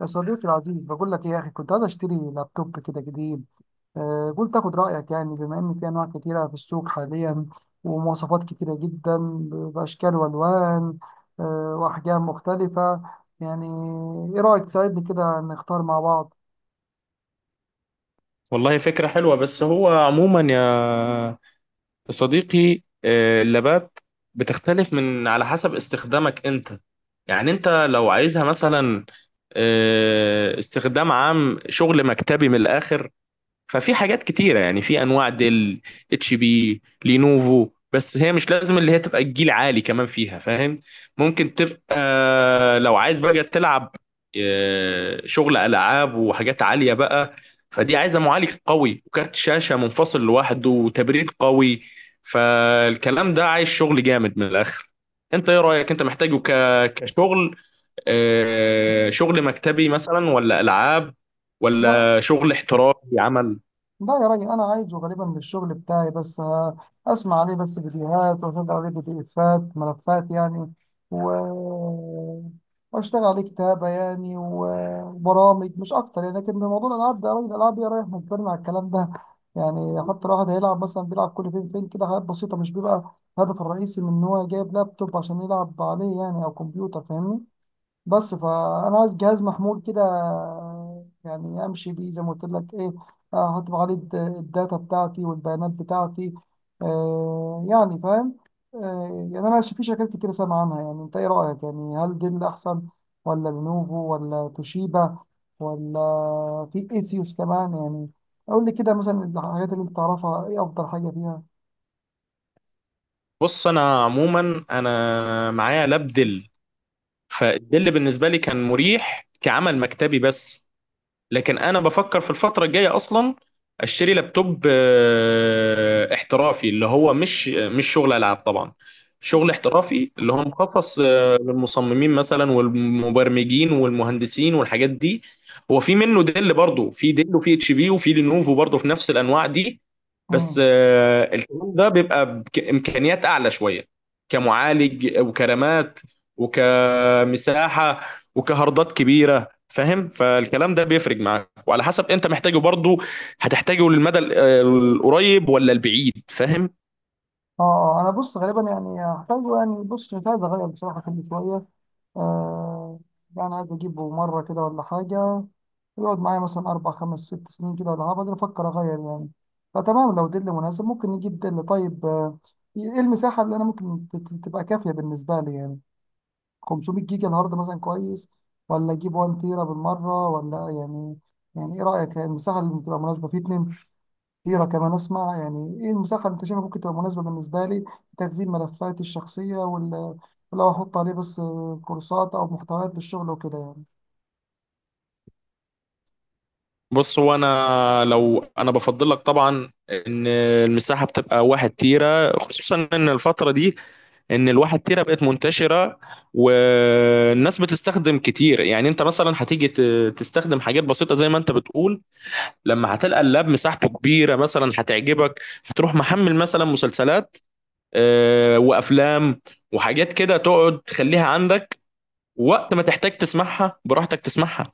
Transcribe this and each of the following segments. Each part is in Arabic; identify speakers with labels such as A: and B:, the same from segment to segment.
A: يا صديقي العزيز بقول لك ايه يا اخي، كنت عايز اشتري لابتوب كده جديد. قلت اخد رايك يعني، بما ان في انواع كتيره في السوق حاليا، ومواصفات كتيره جدا، باشكال والوان، واحجام مختلفه يعني. ايه رايك تساعدني كده نختار مع بعض؟
B: والله فكرة حلوة، بس هو عموما يا صديقي، اللابات بتختلف من على حسب استخدامك انت. يعني انت لو عايزها مثلا استخدام عام، شغل مكتبي من الاخر، ففي حاجات كتيرة. يعني في انواع ديل، اتش بي، لينوفو، بس هي مش لازم اللي هي تبقى الجيل عالي كمان فيها، فاهم؟ ممكن تبقى لو عايز بقى تلعب شغل العاب وحاجات عالية بقى، فدي عايزة معالج قوي وكارت شاشة منفصل لوحده وتبريد قوي. فالكلام ده عايز شغل جامد من الاخر. انت ايه رأيك؟ انت محتاجه كشغل شغل مكتبي مثلا، ولا العاب، ولا شغل احترافي عمل؟
A: لا يا راجل، انا عايزه غالبا للشغل بتاعي، بس اسمع عليه بس فيديوهات واشغل عليه بي دي افات، ملفات يعني، و واشتغل عليه كتابة يعني، وبرامج مش اكتر يعني. لكن بموضوع الالعاب ده يا راجل، الالعاب يا رايح مجبرنا على الكلام ده يعني، حتى الواحد هيلعب مثلا، بيلعب كل فين فين كده حاجات بسيطة، مش بيبقى الهدف الرئيسي من ان هو جايب لابتوب عشان يلعب عليه يعني او كمبيوتر، فاهمني؟ بس فانا عايز جهاز محمول كده، يعني امشي بيه زي ما قلت لك ايه. هطبع عليه الداتا بتاعتي والبيانات بتاعتي، يعني فاهم. يعني انا في شركات كتير سامع عنها يعني، انت ايه رايك؟ يعني هل دي اللي احسن، ولا لينوفو، ولا توشيبا، ولا في ايسيوس كمان يعني؟ اقول لي كده مثلا الحاجات اللي انت تعرفها، ايه افضل حاجه فيها؟
B: بص، انا عموما انا معايا لاب دل، فالدل بالنسبه لي كان مريح كعمل مكتبي بس. لكن انا بفكر في الفتره الجايه اصلا اشتري لابتوب احترافي، اللي هو مش شغل العاب طبعا، شغل احترافي اللي هو مخصص للمصممين مثلا والمبرمجين والمهندسين والحاجات دي. هو في منه ديل برضه، في ديل وفي اتش بي وفي لينوفو، برضه في نفس الانواع دي. بس
A: مم.
B: الكلام ده بيبقى بامكانيات اعلى شويه، كمعالج، وكرامات، وكمساحه، وكهاردات كبيره، فاهم؟ فالكلام ده بيفرق معاك، وعلى حسب انت محتاجه برضه هتحتاجه للمدى القريب ولا البعيد، فاهم؟
A: اه، انا بص غالبا يعني هحتاجه، يعني بص مش عايز اغير بصراحه كل شويه. آه يعني عايز اجيبه مره كده ولا حاجه، يقعد معايا مثلا اربع خمس ست سنين كده ولا حاجه، بعدين افكر اغير يعني. فتمام، لو دل مناسب ممكن نجيب دل. طيب، ايه المساحه اللي انا ممكن تبقى كافيه بالنسبه لي يعني؟ 500 جيجا الهارد مثلا كويس، ولا اجيب 1 تيرا بالمره ولا يعني؟ يعني ايه رايك؟ يعني المساحه اللي بتبقى مناسبه في 2 كتيرة كمان. أسمع، يعني إيه المساحة اللي أنت شايفها ممكن تبقى مناسبة بالنسبة لي لتخزين ملفاتي الشخصية ولو أحط عليه بس كورسات أو محتويات للشغل وكده يعني؟
B: بص، هو انا لو بفضل لك طبعا ان المساحه بتبقى واحد تيرة، خصوصا ان الفتره دي ان الواحد تيرة بقت منتشره والناس بتستخدم كتير. يعني انت مثلا هتيجي تستخدم حاجات بسيطه زي ما انت بتقول، لما هتلقى اللاب مساحته كبيره مثلا هتعجبك، هتروح محمل مثلا مسلسلات وافلام وحاجات كده، تقعد تخليها عندك، وقت ما تحتاج تسمعها براحتك تسمعها.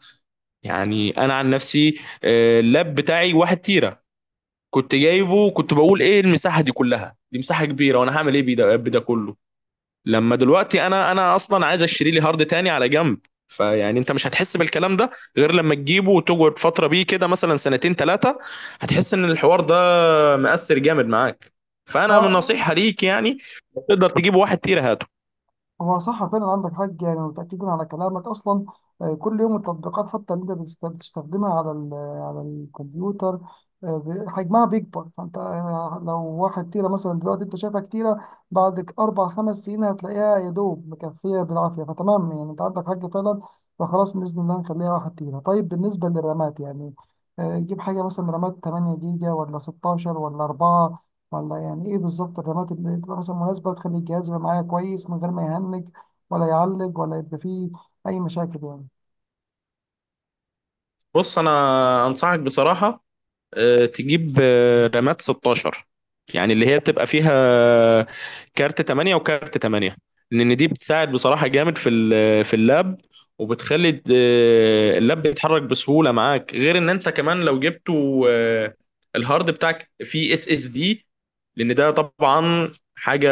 B: يعني انا عن نفسي اللاب بتاعي واحد تيرة، كنت جايبه، كنت بقول ايه المساحة دي كلها، دي مساحة كبيرة وانا هعمل ايه بيه باللاب ده كله. لما دلوقتي انا اصلا عايز اشتري لي هارد تاني على جنب. فيعني انت مش هتحس بالكلام ده غير لما تجيبه وتقعد فتره بيه كده، مثلا سنتين ثلاثه، هتحس ان الحوار ده مأثر جامد معاك.
A: لا،
B: فانا من نصيحه ليك يعني، لو تقدر تجيب واحد تيرا هاته.
A: هو صح فعلا، عندك حق يعني، متأكدين على كلامك أصلا. كل يوم التطبيقات حتى اللي أنت بتستخدمها على على الكمبيوتر، حجمها بيكبر، فأنت لو واحد تيرة مثلا دلوقتي أنت شايفها كتيرة، بعد أربع خمس سنين هتلاقيها يا دوب مكفية بالعافية. فتمام يعني، أنت عندك حق فعلا، فخلاص بإذن الله نخليها واحد تيرة. طيب، بالنسبة للرامات يعني، جيب حاجة مثلا رامات 8 جيجا ولا 16 ولا 4، ولا يعني ايه بالظبط الرمات اللي تبقى مثلا مناسبة تخلي الجهاز يبقى معايا كويس من غير ما يهنج ولا يعلق ولا يبقى فيه أي مشاكل يعني؟
B: بص انا انصحك بصراحه تجيب رامات 16، يعني اللي هي بتبقى فيها آه، كارت 8 وكارت 8، لان دي بتساعد بصراحة جامد في في اللاب، وبتخلي اللاب بيتحرك بسهولة معاك. غير ان انت كمان لو جبته الهارد بتاعك فيه اس اس دي، لان ده طبعا حاجة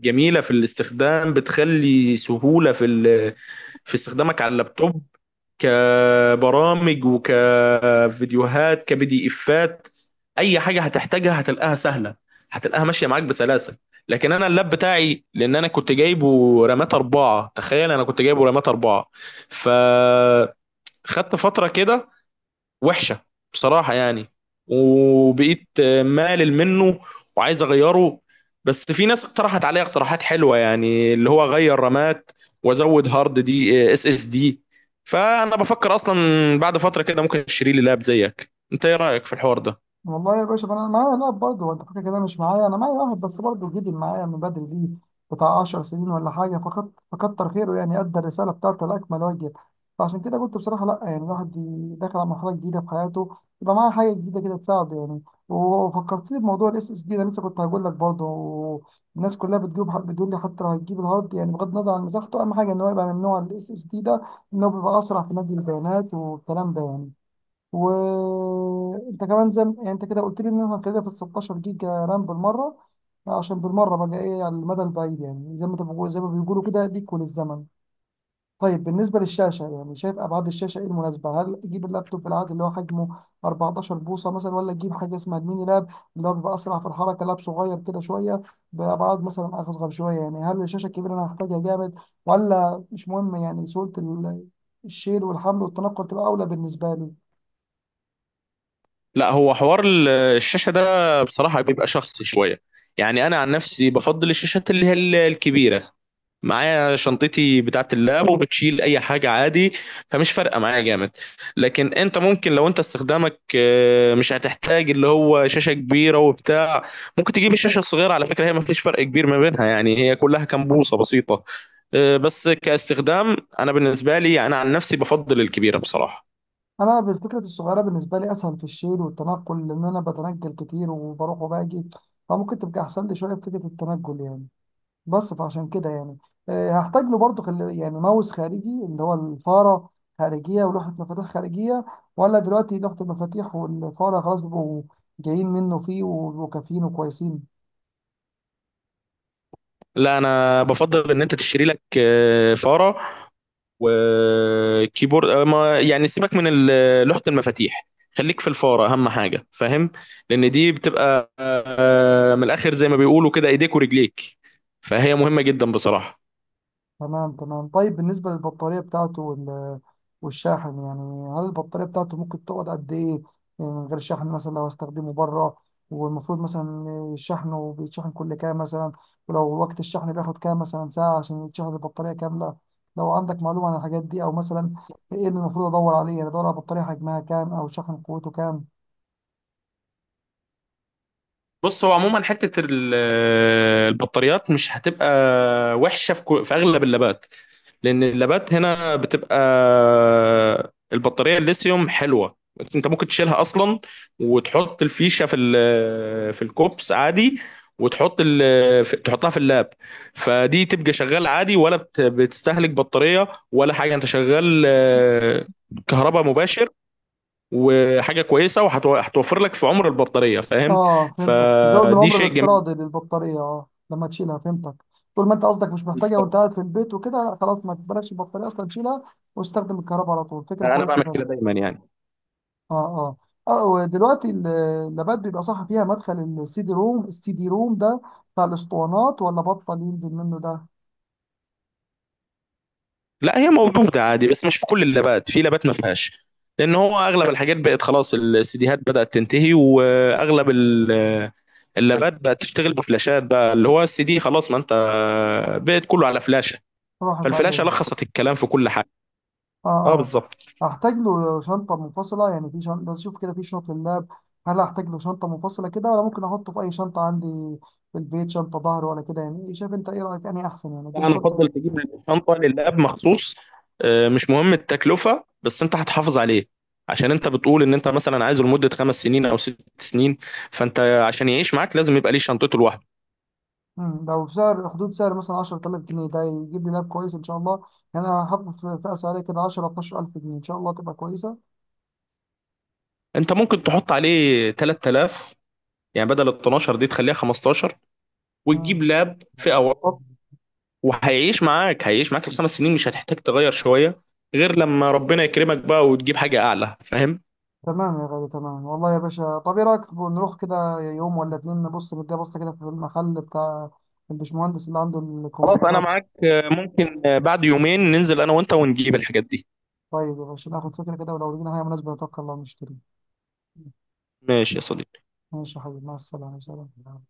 B: جميلة في الاستخدام، بتخلي سهولة في استخدامك على اللابتوب، كبرامج وكفيديوهات كبي افات. اي حاجه هتحتاجها هتلاقيها سهله، هتلاقيها ماشيه معاك بسلاسه. لكن انا اللاب بتاعي، لان انا كنت جايبه رامات اربعه، تخيل انا كنت جايبه رامات اربعه، فخدت فتره كده وحشه بصراحه يعني، وبقيت مالل منه وعايز اغيره. بس في ناس اقترحت عليا اقتراحات حلوه، يعني اللي هو اغير رامات وازود هارد دي اس اس دي. فانا بفكر اصلا بعد فتره كده ممكن اشتري لي لاب زيك. انت ايه رايك في الحوار ده؟
A: والله يا باشا، ما انا معايا لاعب برضه انت فاكر كده، مش معايا، انا معايا واحد بس برضه جدي معايا من بدري، ليه بتاع 10 سنين ولا حاجه، فقط فكتر خيره يعني، ادى الرساله بتاعته لاكمل وجه. فعشان كده قلت بصراحه لا، يعني الواحد داخل على مرحله جديده في حياته، يبقى معاه حاجه جديده كده تساعده يعني. وفكرتني بموضوع الاس اس دي، انا لسه كنت هقول لك برضه، الناس كلها بتجيب بتقول لي حتى لو هتجيب الهارد يعني، بغض النظر عن مساحته، اهم حاجه ان هو يبقى من نوع الاس اس دي ده، ان هو بيبقى اسرع في نقل البيانات والكلام ده يعني. وانت كمان زي يعني انت كده قلت لي ان احنا هنخليها في ال 16 جيجا رام بالمره، عشان بالمره بقى ايه على المدى البعيد يعني، زي ما انت زي ما بيقولوا كده ليك وللزمن. طيب، بالنسبه للشاشه يعني، شايف ابعاد الشاشه ايه المناسبه؟ هل اجيب اللابتوب العادي اللي هو حجمه 14 بوصه مثلا، ولا اجيب حاجه اسمها الميني لاب اللي هو بيبقى اسرع في الحركه، لاب صغير كده شويه بابعاد مثلا اصغر شويه يعني؟ هل الشاشه الكبيره انا هحتاجها جامد ولا مش مهم يعني؟ سهوله الشيل والحمل والتنقل تبقى اولى بالنسبه لي.
B: لا، هو حوار الشاشه ده بصراحه بيبقى شخصي شويه. يعني انا عن نفسي بفضل الشاشات اللي هي الكبيره، معايا شنطتي بتاعة اللاب وبتشيل اي حاجة عادي، فمش فارقة معايا جامد. لكن انت ممكن لو انت استخدامك مش هتحتاج اللي هو شاشة كبيرة وبتاع، ممكن تجيب الشاشة الصغيرة. على فكرة هي ما فيش فرق كبير ما بينها، يعني هي كلها كام بوصة بسيطة. بس كاستخدام انا بالنسبة لي انا عن نفسي بفضل الكبيرة بصراحة.
A: انا بالفكره الصغيره بالنسبه لي اسهل في الشيل والتنقل، لان انا بتنقل كتير وبروح وباجي، فممكن تبقى احسن لي شويه في فكره التنقل يعني. بس فعشان كده يعني، هحتاج له برضه يعني ماوس خارجي اللي هو الفاره خارجيه ولوحه مفاتيح خارجيه، ولا دلوقتي لوحه المفاتيح والفاره خلاص بيبقوا جايين منه فيه وبيبقوا كافيين وكويسين؟
B: لا، انا بفضل ان انت تشتري لك فارة وكيبورد، ما يعني سيبك من لوحة المفاتيح، خليك في الفارة أهم حاجة، فاهم؟ لأن دي بتبقى من الآخر زي ما بيقولوا كده إيديك ورجليك، فهي مهمة جدا بصراحة.
A: تمام تمام، طيب بالنسبة للبطارية بتاعته والشاحن يعني، هل البطارية بتاعته ممكن تقعد قد إيه؟ يعني من غير شحن، مثلا لو هستخدمه بره، والمفروض مثلا شحنه بيتشحن كل كام مثلا؟ ولو وقت الشحن بياخد كام مثلا ساعة عشان يتشحن البطارية كاملة؟ لو عندك معلومة عن الحاجات دي، أو مثلا إيه اللي المفروض أدور عليه يعني؟ أدور على بطارية حجمها كام أو شحن قوته كام؟
B: بص، هو عموما حته البطاريات مش هتبقى وحشه في في اغلب اللابات، لان اللابات هنا بتبقى البطاريه الليثيوم حلوه. انت ممكن تشيلها اصلا، وتحط الفيشه في الكوبس عادي، وتحط تحطها في اللاب، فدي تبقى شغال عادي، ولا بتستهلك بطاريه ولا حاجه، انت شغال كهرباء مباشر، وحاجه كويسه، وهتوفر لك في عمر البطاريه، فاهم؟
A: اه فهمتك، تزود من
B: فدي
A: عمر
B: شيء جميل.
A: الافتراضي للبطارية، اه لما تشيلها، فهمتك. طول ما انت قصدك مش محتاجها وانت
B: بالظبط،
A: قاعد في البيت وكده، خلاص ما تبلاش البطارية اصلا، تشيلها واستخدم الكهرباء على طول، فكرة
B: انا
A: كويسة
B: بعمل
A: فعلا.
B: كده دايما يعني.
A: اه اه، اه ودلوقتي اللابات بيبقى صح فيها مدخل السي دي روم؟ السي دي روم ده بتاع الاسطوانات ولا بطل ينزل منه ده؟
B: لا، هي موجوده عادي بس مش في كل اللابات، في لابات ما فيهاش، لان هو اغلب الحاجات بقت خلاص، السيديهات بدات تنتهي واغلب اللابات بقت تشتغل بفلاشات بقى، اللي هو السي دي خلاص. ما انت بقت كله على فلاشه،
A: راحت
B: فالفلاشه
A: عليه.
B: لخصت الكلام في كل حاجه.
A: اه
B: اه بالظبط.
A: اه، هحتاج له شنطة منفصلة يعني، في شنطة بشوف كده في شنط اللاب، هل هحتاج له شنطة منفصلة كده، ولا ممكن احطه في اي شنطة عندي في البيت، شنطة ظهر ولا كده يعني؟ إيه شايف انت؟ ايه رأيك؟ اني احسن يعني اجيب
B: انا
A: شنطة؟
B: افضل تجيب شنطه للاب مخصوص، مش مهم التكلفه، بس انت هتحافظ عليه، عشان انت بتقول ان انت مثلا عايزه لمده 5 سنين او 6 سنين، فانت عشان يعيش معاك لازم يبقى ليه شنطته لوحده.
A: لو بسعر حدود سعر مثلا 10000 جنيه، ده يجيب لي لاب كويس ان شاء الله؟ يعني انا هحط في فئة سعرية كده 10 12000 جنيه، ان شاء الله تبقى كويسة.
B: انت ممكن تحط عليه 3000، يعني بدل ال 12 دي تخليها 15، وتجيب
A: مم.
B: لاب فئه وسط، وهيعيش معاك، هيعيش معاك الخمس سنين مش هتحتاج تغير شويه، غير لما ربنا يكرمك بقى وتجيب حاجه اعلى، فاهم؟
A: تمام يا غالي، تمام، والله يا باشا، طب ايه رايك نروح كده يوم ولا اتنين نبص نديها بصه كده في المحل بتاع البشمهندس اللي عنده
B: خلاص، انا
A: الكمبيوترات؟
B: معاك. ممكن بعد يومين ننزل انا وانت ونجيب الحاجات دي.
A: طيب يا باشا، ناخد فكره كده، ولو لقينا حاجه مناسبه نتوكل الله ونشتري.
B: ماشي يا صديقي.
A: ماشي يا حبيبي، مع السلامه، سلام.